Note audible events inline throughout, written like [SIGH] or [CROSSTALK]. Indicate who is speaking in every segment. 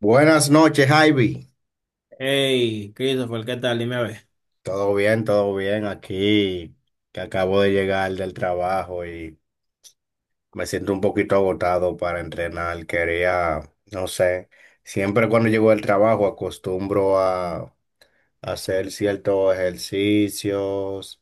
Speaker 1: Buenas noches, Ivy.
Speaker 2: Hey, Christopher, ¿qué tal? Dime a ver.
Speaker 1: Todo bien aquí, que acabo de llegar del trabajo y me siento un poquito agotado para entrenar. Quería, no sé, siempre cuando llego del trabajo acostumbro a hacer ciertos ejercicios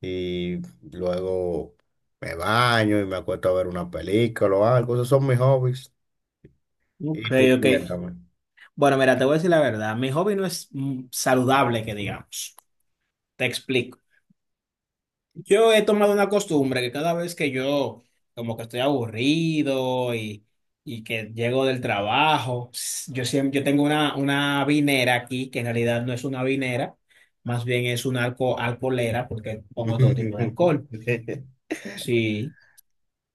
Speaker 1: y luego me baño y me acuesto a ver una película o algo. Esos son mis hobbies.
Speaker 2: Ok,
Speaker 1: Y tú,
Speaker 2: ok.
Speaker 1: cuéntame.
Speaker 2: Bueno, mira, te voy a decir la verdad. Mi hobby no es saludable, que digamos. Te explico. Yo he tomado una costumbre que cada vez que yo como que estoy aburrido y que llego del trabajo, yo siempre, yo tengo una vinera aquí, que en realidad no es una vinera, más bien es una alcoholera, porque pongo todo tipo de alcohol.
Speaker 1: [LAUGHS]
Speaker 2: Sí.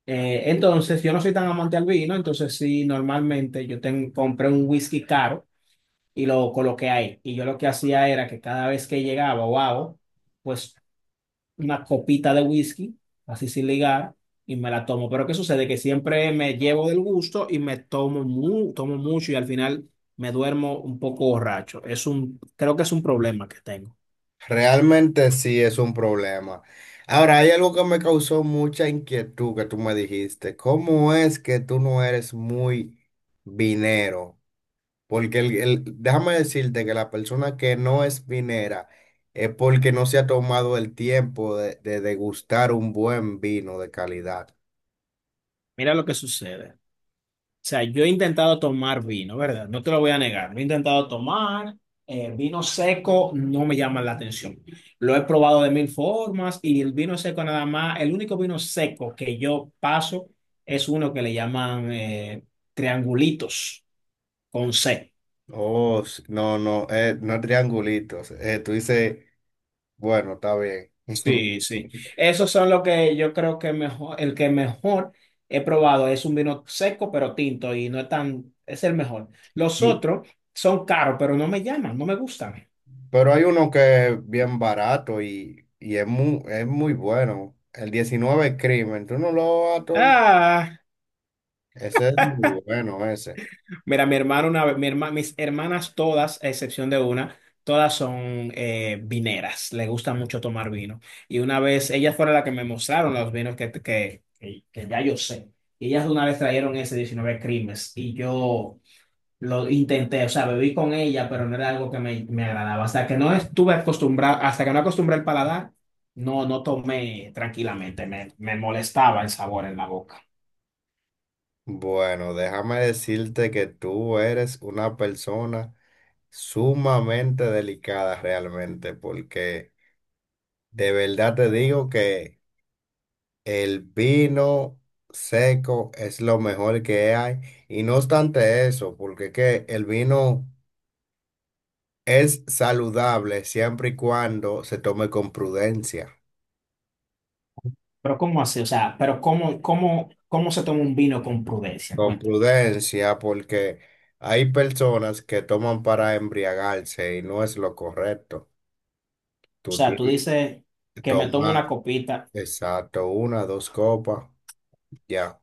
Speaker 2: Entonces, yo no soy tan amante al vino, entonces sí, normalmente compré un whisky caro y lo coloqué ahí. Y yo lo que hacía era que cada vez que llegaba, wow, pues una copita de whisky, así sin ligar, y me la tomo. Pero ¿qué sucede? Que siempre me llevo del gusto y me tomo, tomo mucho y al final me duermo un poco borracho. Es un, creo que es un problema que tengo.
Speaker 1: Realmente sí es un problema. Ahora, hay algo que me causó mucha inquietud que tú me dijiste. ¿Cómo es que tú no eres muy vinero? Porque déjame decirte que la persona que no es vinera es porque no se ha tomado el tiempo de degustar un buen vino de calidad.
Speaker 2: Mira lo que sucede. O sea, yo he intentado tomar vino, ¿verdad? No te lo voy a negar. Lo he intentado tomar, vino seco no me llama la atención. Lo he probado de mil formas y el vino seco nada más, el único vino seco que yo paso es uno que le llaman triangulitos con C.
Speaker 1: Oh, no, no, no triangulitos. Tú dices, bueno, está bien.
Speaker 2: Sí, sí.
Speaker 1: [LAUGHS]
Speaker 2: Esos son los que yo creo que mejor, el que mejor he probado es un vino seco pero tinto y no es tan, es el mejor. Los
Speaker 1: Y-
Speaker 2: otros son caros, pero no me llaman, no me gustan.
Speaker 1: Pero hay uno que es bien barato y es muy bueno. El 19 Crimen, tú no lo has.
Speaker 2: Ah.
Speaker 1: Ese es muy bueno, ese.
Speaker 2: Mira, mi hermano, mis hermanas todas, a excepción de una, todas son vineras, le gusta mucho tomar vino. Y una vez, ellas fueron las que me mostraron los vinos que ya yo sé. Y ellas una vez trajeron ese 19 Crimes y yo lo intenté, o sea, bebí con ella, pero no era algo que me agradaba. Hasta que no estuve acostumbrado, hasta que no acostumbré el paladar, no, no tomé tranquilamente, me molestaba el sabor en la boca.
Speaker 1: Bueno, déjame decirte que tú eres una persona sumamente delicada realmente, porque de verdad te digo que el vino seco es lo mejor que hay. Y no obstante eso, porque que el vino es saludable siempre y cuando se tome con prudencia.
Speaker 2: Pero ¿cómo así? O sea, pero ¿cómo se toma un vino con prudencia?
Speaker 1: Con
Speaker 2: Cuéntame.
Speaker 1: prudencia, porque hay personas que toman para embriagarse y no es lo correcto.
Speaker 2: O
Speaker 1: Tú
Speaker 2: sea, tú
Speaker 1: tienes
Speaker 2: dices
Speaker 1: que
Speaker 2: que me tomo una
Speaker 1: tomar,
Speaker 2: copita.
Speaker 1: exacto, una, dos copas, ya.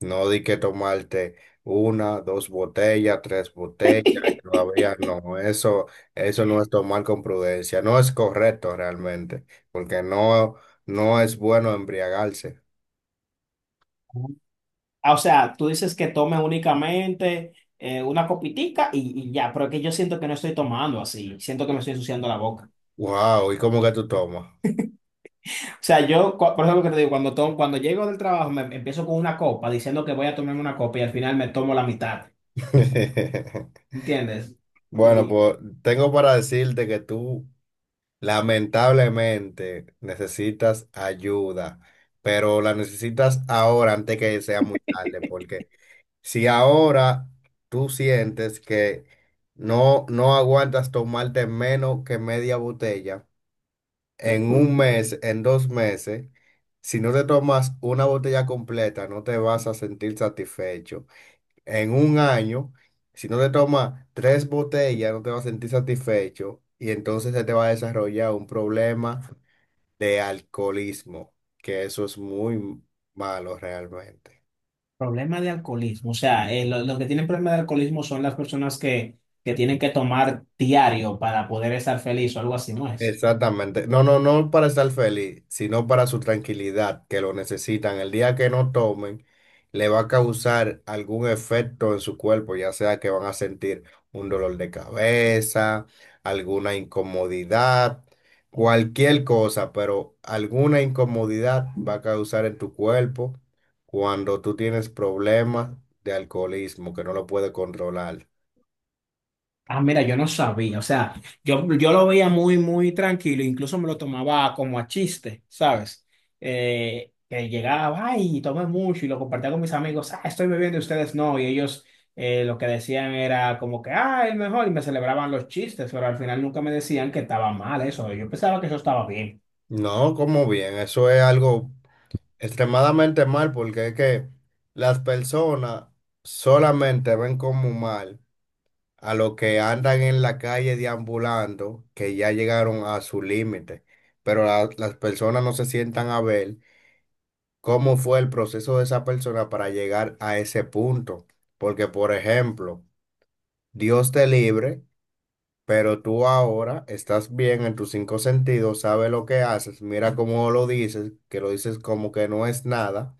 Speaker 1: No di que tomarte una, dos botellas, tres botellas, y todavía no. Eso no es tomar con prudencia. No es correcto realmente, porque no, no es bueno embriagarse.
Speaker 2: Ah, O sea, tú dices que tome únicamente una copitica y ya, pero es que yo siento que no estoy tomando así, siento que me estoy ensuciando la boca.
Speaker 1: Wow, ¿y cómo que tú tomas?
Speaker 2: O sea, yo, por ejemplo, que te digo, cuando, tomo, cuando llego del trabajo me empiezo con una copa diciendo que voy a tomarme una copa y al final me tomo la mitad,
Speaker 1: [LAUGHS]
Speaker 2: ¿entiendes?
Speaker 1: Bueno, pues tengo para decirte que tú lamentablemente necesitas ayuda, pero la necesitas ahora antes que sea muy tarde, porque si ahora tú sientes que no, no aguantas tomarte menos que media botella, en un mes, en dos meses, si no te tomas una botella completa, no te vas a sentir satisfecho. En un año, si no te tomas tres botellas, no te vas a sentir satisfecho y entonces se te va a desarrollar un problema de alcoholismo, que eso es muy malo realmente.
Speaker 2: Problema de alcoholismo. O sea, los que tienen problema de alcoholismo son las personas que tienen que tomar diario para poder estar feliz o algo así, ¿no es?
Speaker 1: Exactamente. No, no, no para estar feliz, sino para su tranquilidad, que lo necesitan. El día que no tomen, le va a causar algún efecto en su cuerpo, ya sea que van a sentir un dolor de cabeza, alguna incomodidad, cualquier cosa, pero alguna incomodidad va a causar en tu cuerpo cuando tú tienes problemas de alcoholismo que no lo puedes controlar.
Speaker 2: Ah, mira, yo no sabía. O sea, yo lo veía muy tranquilo. Incluso me lo tomaba como a chiste, ¿sabes? Que llegaba, ay, tomé mucho y lo compartía con mis amigos. Ah, estoy bebiendo y ustedes no. Y ellos lo que decían era como que, ah, el mejor. Y me celebraban los chistes, pero al final nunca me decían que estaba mal eso. Yo pensaba que eso estaba bien.
Speaker 1: No, como bien, eso es algo extremadamente mal, porque es que las personas solamente ven como mal a los que andan en la calle deambulando, que ya llegaron a su límite, pero las personas no se sientan a ver cómo fue el proceso de esa persona para llegar a ese punto. Porque, por ejemplo, Dios te libre, pero tú ahora estás bien en tus cinco sentidos, sabes lo que haces, mira cómo lo dices, que lo dices como que no es nada,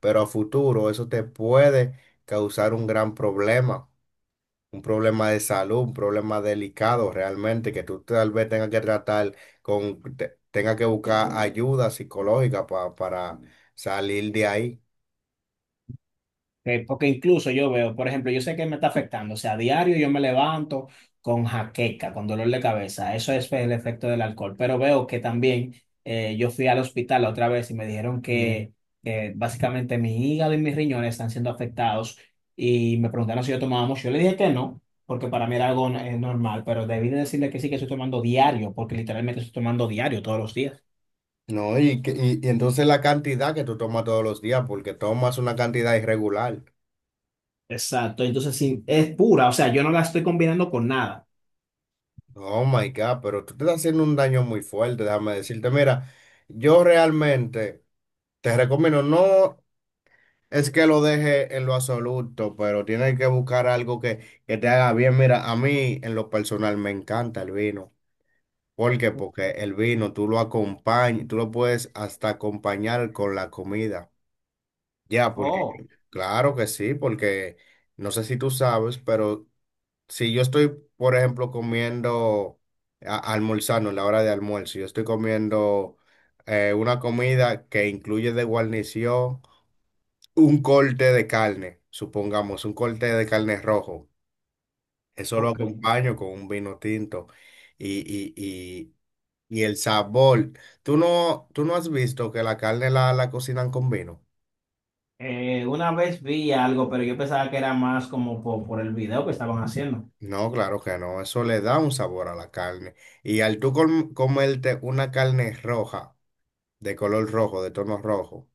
Speaker 1: pero a futuro eso te puede causar un gran problema, un problema de salud, un problema delicado realmente, que tú tal vez tengas que tratar con, tengas que buscar ayuda psicológica para salir de ahí.
Speaker 2: Porque incluso yo veo, por ejemplo, yo sé que me está afectando, o sea, a diario yo me levanto con jaqueca, con dolor de cabeza, eso es el efecto del alcohol, pero veo que también yo fui al hospital la otra vez y me dijeron que básicamente mi hígado y mis riñones están siendo afectados y me preguntaron si yo tomaba mucho, yo le dije que no, porque para mí era algo normal, pero debí de decirle que sí que estoy tomando diario, porque literalmente estoy tomando diario todos los días.
Speaker 1: No, y, y entonces la cantidad que tú tomas todos los días, porque tomas una cantidad irregular.
Speaker 2: Exacto, entonces sí, es pura, o sea, yo no la estoy combinando con nada.
Speaker 1: Oh my God, pero tú te estás haciendo un daño muy fuerte, déjame decirte. Mira, yo realmente te recomiendo no. Es que lo deje en lo absoluto, pero tienes que buscar algo que te haga bien. Mira, a mí en lo personal me encanta el vino. ¿Por qué? Porque el vino tú lo acompañas, tú lo puedes hasta acompañar con la comida. Ya, porque
Speaker 2: Oh,
Speaker 1: claro que sí, porque no sé si tú sabes, pero si yo estoy, por ejemplo, comiendo, almorzando en la hora de almuerzo, yo estoy comiendo una comida que incluye de guarnición un corte de carne, supongamos, un corte de carne rojo. Eso lo
Speaker 2: ok.
Speaker 1: acompaño con un vino tinto y, y, y, y el sabor. Tú no has visto que la carne la cocinan con vino?
Speaker 2: Una vez vi algo, pero yo pensaba que era más como por el video que estaban haciendo.
Speaker 1: No, claro que no. Eso le da un sabor a la carne. Y al tú comerte una carne roja, de color rojo, de tono rojo,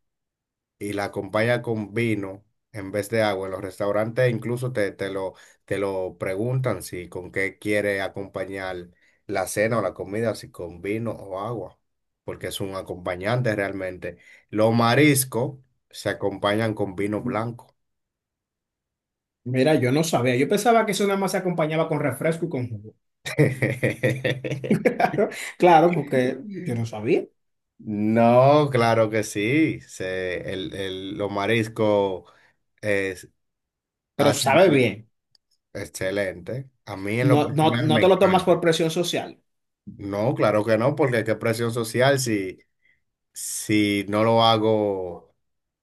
Speaker 1: y la acompaña con vino en vez de agua. En los restaurantes incluso te lo preguntan si con qué quiere acompañar la cena o la comida, si con vino o agua, porque es un acompañante realmente. Los mariscos se acompañan con vino blanco.
Speaker 2: Mira, yo no sabía. Yo pensaba que eso nada más se acompañaba con refresco y con jugo. [LAUGHS]
Speaker 1: [LAUGHS]
Speaker 2: Claro, claro, porque yo no sabía.
Speaker 1: No, claro que sí. Se, los mariscos es,
Speaker 2: Pero
Speaker 1: hacen
Speaker 2: sabe bien.
Speaker 1: excelente. A mí en
Speaker 2: No,
Speaker 1: lo
Speaker 2: no,
Speaker 1: personal
Speaker 2: no
Speaker 1: me
Speaker 2: te lo tomas
Speaker 1: encanta.
Speaker 2: por presión social.
Speaker 1: No, claro que no, porque qué presión social si, no lo hago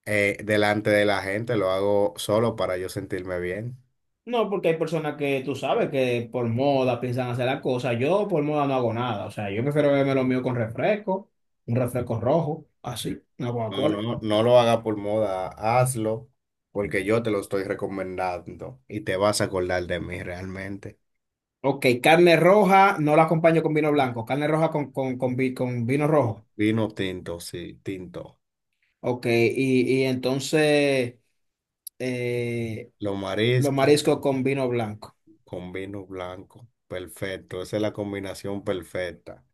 Speaker 1: delante de la gente, lo hago solo para yo sentirme bien.
Speaker 2: No, porque hay personas que tú sabes que por moda piensan hacer las cosas. Yo por moda no hago nada. O sea, yo prefiero beberme lo mío con refresco, un refresco rojo, así, una
Speaker 1: No, no,
Speaker 2: Coca-Cola.
Speaker 1: no, no lo haga por moda, hazlo porque yo te lo estoy recomendando y te vas a acordar de mí realmente.
Speaker 2: Ok, carne roja no la acompaño con vino blanco, carne roja con vino rojo.
Speaker 1: Vino tinto, sí, tinto.
Speaker 2: Ok, y entonces eh,
Speaker 1: Los
Speaker 2: los
Speaker 1: mariscos
Speaker 2: mariscos con vino blanco.
Speaker 1: con vino blanco, perfecto, esa es la combinación perfecta.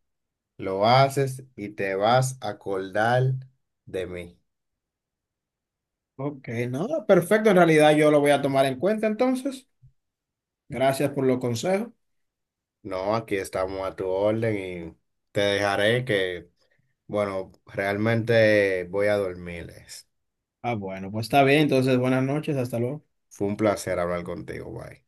Speaker 1: Lo haces y te vas a acordar de mí.
Speaker 2: Ok, no, perfecto. En realidad yo lo voy a tomar en cuenta entonces. Gracias por los consejos.
Speaker 1: No, aquí estamos a tu orden y te dejaré que, bueno, realmente voy a dormir.
Speaker 2: Ah, bueno, pues está bien. Entonces, buenas noches, hasta luego.
Speaker 1: Fue un placer hablar contigo, bye.